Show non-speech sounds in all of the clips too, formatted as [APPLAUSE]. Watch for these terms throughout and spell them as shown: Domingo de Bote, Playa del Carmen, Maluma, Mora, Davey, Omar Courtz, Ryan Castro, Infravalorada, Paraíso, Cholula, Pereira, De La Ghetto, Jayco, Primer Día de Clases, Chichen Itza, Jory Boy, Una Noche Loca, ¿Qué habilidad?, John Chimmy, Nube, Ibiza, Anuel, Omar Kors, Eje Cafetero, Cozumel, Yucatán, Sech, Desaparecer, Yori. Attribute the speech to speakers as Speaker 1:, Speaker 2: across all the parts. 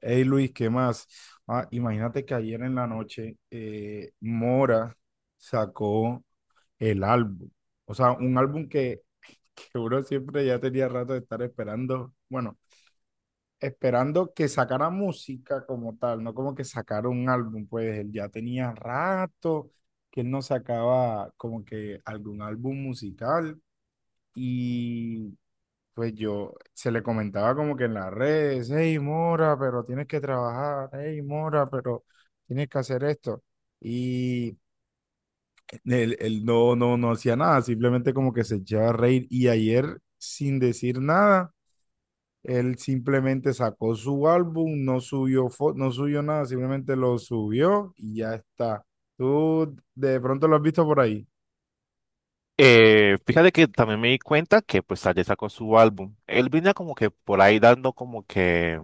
Speaker 1: Hey Luis, ¿qué más? Ah, imagínate que ayer en la noche Mora sacó el álbum. O sea, un álbum que uno siempre ya tenía rato de estar esperando. Bueno, esperando que sacara música como tal, no como que sacara un álbum. Pues él ya tenía rato que él no sacaba como que algún álbum musical. Y pues yo se le comentaba como que en las redes, hey Mora, pero tienes que trabajar, hey Mora, pero tienes que hacer esto. Y él no, no, no hacía nada, simplemente como que se echaba a reír. Y ayer, sin decir nada, él simplemente sacó su álbum, no subió, no subió nada, simplemente lo subió y ya está. Tú de pronto lo has visto por ahí.
Speaker 2: Fíjate que también me di cuenta que pues ayer sacó su álbum. Él venía como que por ahí dando como que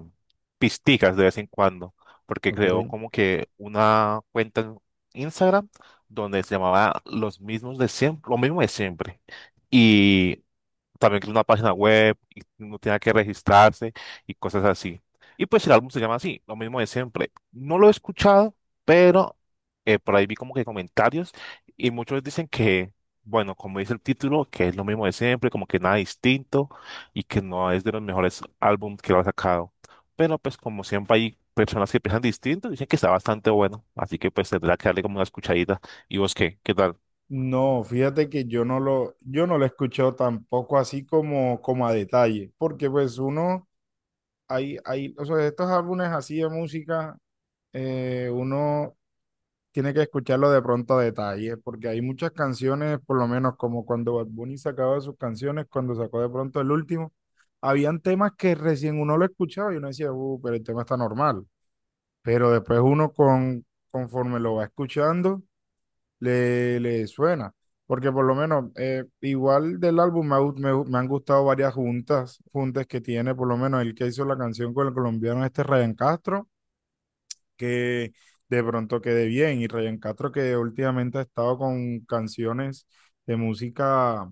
Speaker 2: pisticas de vez en cuando, porque creó
Speaker 1: ¿Ok?
Speaker 2: como que una cuenta en Instagram donde se llamaba Los mismos de siempre, lo mismo de siempre. Y también que es una página web y uno tenía que registrarse y cosas así. Y pues el álbum se llama así, lo mismo de siempre. No lo he escuchado, pero por ahí vi como que comentarios y muchos dicen que, bueno, como dice el título, que es lo mismo de siempre, como que nada distinto y que no es de los mejores álbumes que lo ha sacado. Pero pues como siempre hay personas que piensan distinto, dicen que está bastante bueno, así que pues tendrá que darle como una escuchadita. ¿Y vos qué? ¿Qué tal?
Speaker 1: No, fíjate que yo no lo he escuchado tampoco así como a detalle, porque pues uno, hay, o sea, estos álbumes así de música, uno tiene que escucharlo de pronto a detalle, porque hay muchas canciones, por lo menos como cuando Bad Bunny sacaba sus canciones, cuando sacó de pronto el último, habían temas que recién uno lo escuchaba y uno decía, pero el tema está normal, pero después uno conforme lo va escuchando le suena. Porque por lo menos, igual del álbum me, ha gu- me han gustado varias juntas, juntas que tiene, por lo menos el que hizo la canción con el colombiano este Ryan Castro, que de pronto quede bien. Y Ryan Castro que últimamente ha estado con canciones de música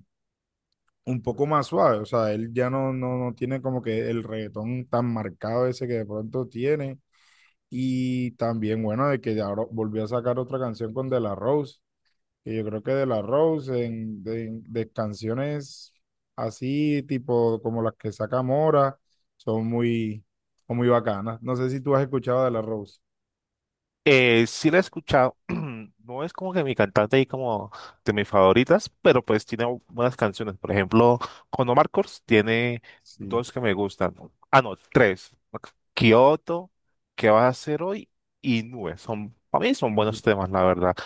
Speaker 1: un poco más suave. O sea, él ya no, no, no tiene como que el reggaetón tan marcado ese que de pronto tiene. Y también, bueno, de que ahora volvió a sacar otra canción con De La Rose, que yo creo que de la Rose, de canciones así, tipo como las que saca Mora, son muy bacanas. No sé si tú has escuchado de la Rose.
Speaker 2: Sí la he escuchado, [CLEARS THROAT] no es como que mi cantante y como de mis favoritas, pero pues tiene buenas canciones. Por ejemplo, con Omar Courtz tiene
Speaker 1: Sí.
Speaker 2: dos que me gustan. Ah, no, tres. Kyoto, ¿qué vas a hacer hoy? Y Nube. Son, para mí son buenos temas, la verdad.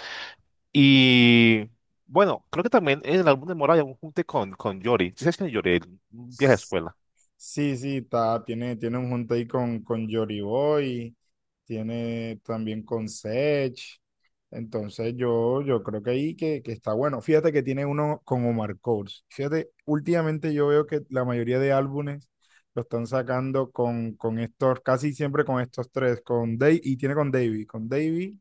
Speaker 2: Y bueno, creo que también en el álbum de Mora hay un junte con Yori. ¿Sí sabes quién es Yori? El vieja
Speaker 1: Sí.
Speaker 2: escuela.
Speaker 1: Sí, tiene un junto ahí con Jory Boy, tiene también con Sech. Entonces yo creo que ahí que está bueno. Fíjate que tiene uno con Omar Courtz. Fíjate, últimamente yo veo que la mayoría de álbumes lo están sacando con estos, casi siempre con estos tres, y tiene con Davey,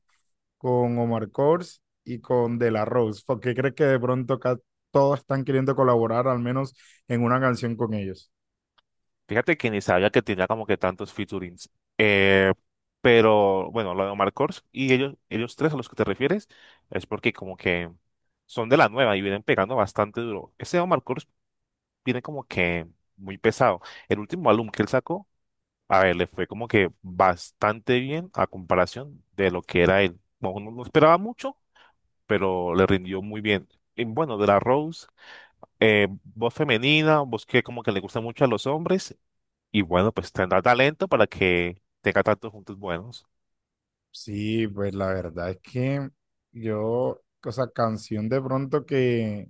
Speaker 1: con Omar Courtz y con De La Rose. ¿Por qué crees que de pronto acá todos están queriendo colaborar al menos en una canción con ellos?
Speaker 2: Fíjate que ni sabía que tenía como que tantos featurings. Eh, pero bueno, lo de Omar Kors y ellos tres a los que te refieres es porque como que son de la nueva y vienen pegando bastante duro. Ese Omar Kors viene como que muy pesado. El último álbum que él sacó, a ver, le fue como que bastante bien a comparación de lo que era él. No, no, no esperaba mucho, pero le rindió muy bien. Y bueno, de la Rose, voz femenina, voz que como que le gusta mucho a los hombres y bueno, pues tendrá talento para que tenga tantos juntos buenos.
Speaker 1: Sí, pues la verdad es que yo, o sea, canción de pronto que,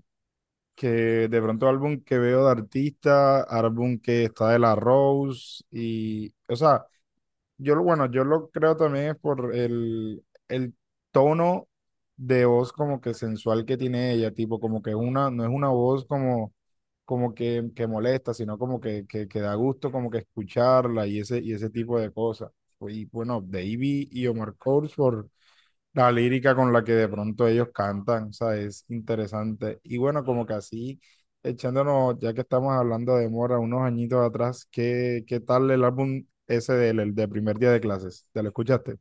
Speaker 1: que de pronto álbum que veo de artista, álbum que está de la Rose y, o sea, bueno, yo lo creo también es por el tono de voz como que sensual que tiene ella, tipo como que una, no es una voz como que, molesta, sino como que da gusto como que escucharla y ese tipo de cosas. Y bueno, Davey y Omar Course por la lírica con la que de pronto ellos cantan, o sea, es interesante. Y bueno, como que así, echándonos, ya que estamos hablando de Mora, unos añitos atrás, ¿qué tal el álbum ese del el de primer día de clases? ¿Te lo escuchaste?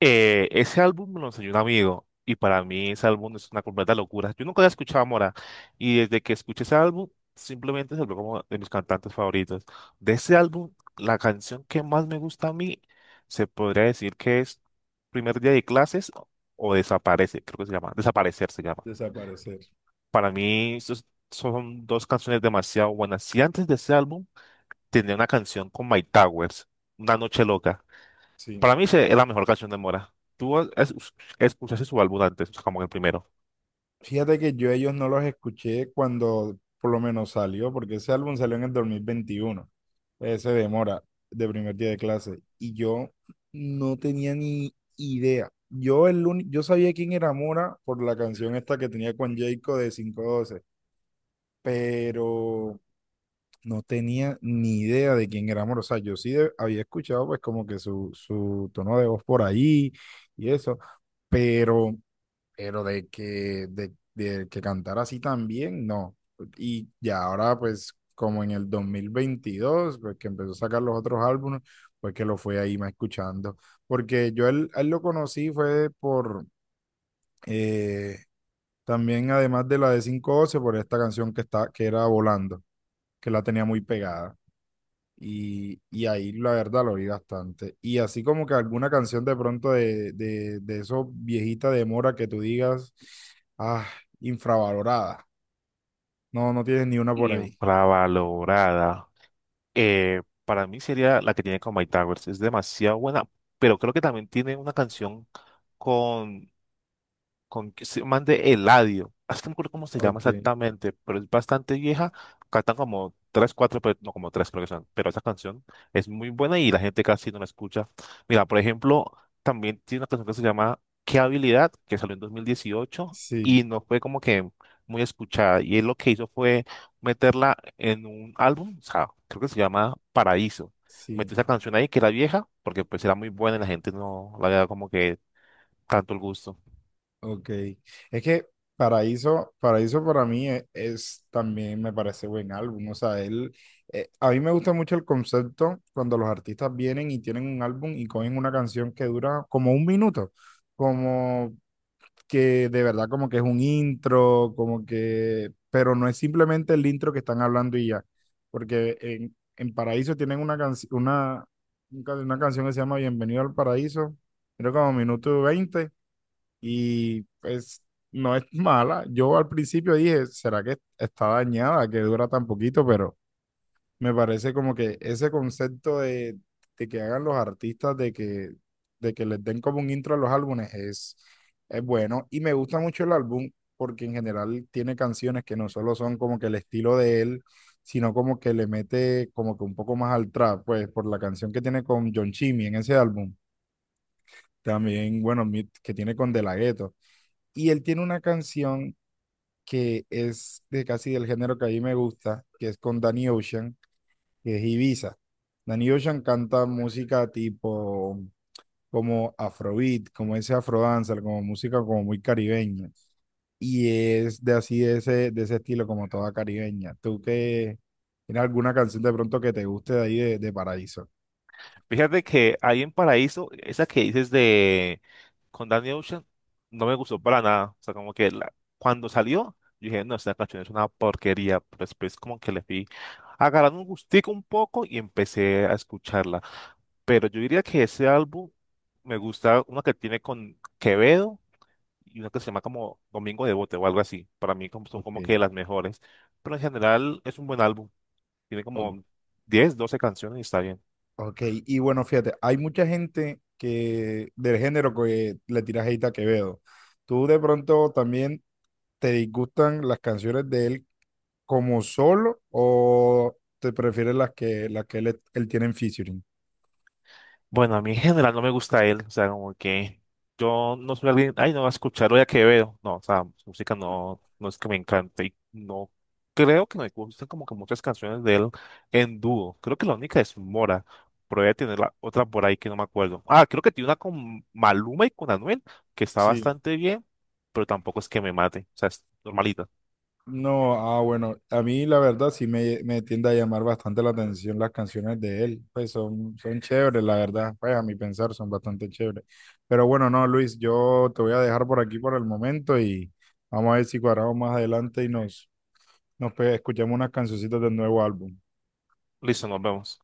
Speaker 2: Ese álbum me lo enseñó un amigo y para mí ese álbum es una completa locura. Yo nunca había escuchado a Mora y desde que escuché ese álbum simplemente se volvió como de mis cantantes favoritos. De ese álbum, la canción que más me gusta a mí se podría decir que es Primer Día de Clases o Desaparece, creo que se llama. Desaparecer se llama.
Speaker 1: Desaparecer,
Speaker 2: Para mí esos son dos canciones demasiado buenas. Si antes de ese álbum tenía una canción con My Towers, Una Noche Loca.
Speaker 1: sí.
Speaker 2: Para mí es la mejor canción de Mora. ¿Tú escuchaste su álbum antes, como el primero?
Speaker 1: Fíjate que yo ellos no los escuché cuando por lo menos salió, porque ese álbum salió en el 2021. Se demora de primer día de clase. Y yo no tenía ni idea. Yo sabía quién era Mora por la canción esta que tenía con Jayco de 512, pero no tenía ni idea de quién era Mora. O sea, yo sí había escuchado pues como que su tono de voz por ahí y eso, pero pero de que cantara así también, no. Y ya ahora, pues, como en el 2022 pues que empezó a sacar los otros álbumes, pues que lo fue ahí más escuchando. Porque yo a él lo conocí fue por, eh, también además de la de 512, por esta canción que era Volando, que la tenía muy pegada. Y ahí la verdad lo oí bastante. Y así como que alguna canción de pronto de esos viejita de Mora que tú digas, ah, infravalorada. No, no tienes ni una por ahí.
Speaker 2: Infravalorada. Para mí sería la que tiene con My Towers. Es demasiado buena, pero creo que también tiene una canción con con que se man de Eladio. Es que no me acuerdo cómo se llama
Speaker 1: Ok,
Speaker 2: exactamente, pero es bastante vieja. Cantan como tres, cuatro, pero no como tres, creo que son. Pero esa canción es muy buena y la gente casi no la escucha. Mira, por ejemplo, también tiene una canción que se llama ¿Qué habilidad? Que salió en 2018
Speaker 1: sí,
Speaker 2: y no fue como que muy escuchada. Y él lo que hizo fue meterla en un álbum, o sea, creo que se llama Paraíso.
Speaker 1: sí,
Speaker 2: Metió esa canción ahí que era vieja, porque pues era muy buena y la gente no la había dado como que tanto el gusto.
Speaker 1: ok. Es que Paraíso, Paraíso para mí es, también me parece buen álbum. O sea, a mí me gusta mucho el concepto cuando los artistas vienen y tienen un álbum y cogen una canción que dura como un minuto. Como que de verdad como que es un intro, como que, pero no es simplemente el intro que están hablando y ya, porque en Paraíso tienen una, canción una, un ca- una canción que se llama Bienvenido al Paraíso, creo como minuto veinte, y pues no es mala. Yo al principio dije, ¿será que está dañada, que dura tan poquito? Pero me parece como que ese concepto de que hagan los artistas, de que les den como un intro a los álbumes, es bueno. Y me gusta mucho el álbum porque en general tiene canciones que no solo son como que el estilo de él, sino como que le mete como que un poco más al trap, pues por la canción que tiene con John Chimmy en ese álbum. También, bueno, que tiene con De La Ghetto. Y él tiene una canción que es de casi del género que a mí me gusta, que es con Danny Ocean, que es Ibiza. Danny Ocean canta música tipo como afrobeat, como ese afrodancer, como música como muy caribeña. Y es de así, de ese, estilo, como toda caribeña. ¿Tú qué? ¿Tienes alguna canción de pronto que te guste de ahí de Paraíso?
Speaker 2: Fíjate que ahí en Paraíso, esa que dices de con Danny Ocean, no me gustó para nada. O sea, como que cuando salió, yo dije, no, esta canción es una porquería. Pero después como que le fui agarrando un gustico un poco y empecé a escucharla. Pero yo diría que ese álbum me gusta una que tiene con Quevedo y una que se llama como Domingo de Bote o algo así. Para mí son como
Speaker 1: Ok.
Speaker 2: que las mejores. Pero en general es un buen álbum. Tiene
Speaker 1: o-
Speaker 2: como 10 12 canciones y está bien.
Speaker 1: ok. Y bueno, fíjate, hay mucha gente que del género que le tira hate a Quevedo. ¿Tú de pronto también te disgustan las canciones de él como solo, o te prefieres las que él tiene en featuring?
Speaker 2: Bueno, a mí en general no me gusta él, o sea, como que yo no soy alguien, ay, no, a escucharlo ya que veo, no, o sea, su música no, no es que me encante y no creo que no me gusten como que muchas canciones de él en dúo, creo que la única es Mora, pero voy a tener la otra por ahí que no me acuerdo. Ah, creo que tiene una con Maluma y con Anuel, que está
Speaker 1: Sí.
Speaker 2: bastante bien, pero tampoco es que me mate, o sea, es normalita.
Speaker 1: No, ah, bueno, a mí la verdad sí me tiende a llamar bastante la atención las canciones de él, pues son chéveres, la verdad, pues a mi pensar son bastante chéveres. Pero bueno, no, Luis, yo te voy a dejar por aquí por el momento y vamos a ver si cuadramos más adelante y nos escuchamos unas cancioncitas del nuevo álbum.
Speaker 2: Listo, nos vemos.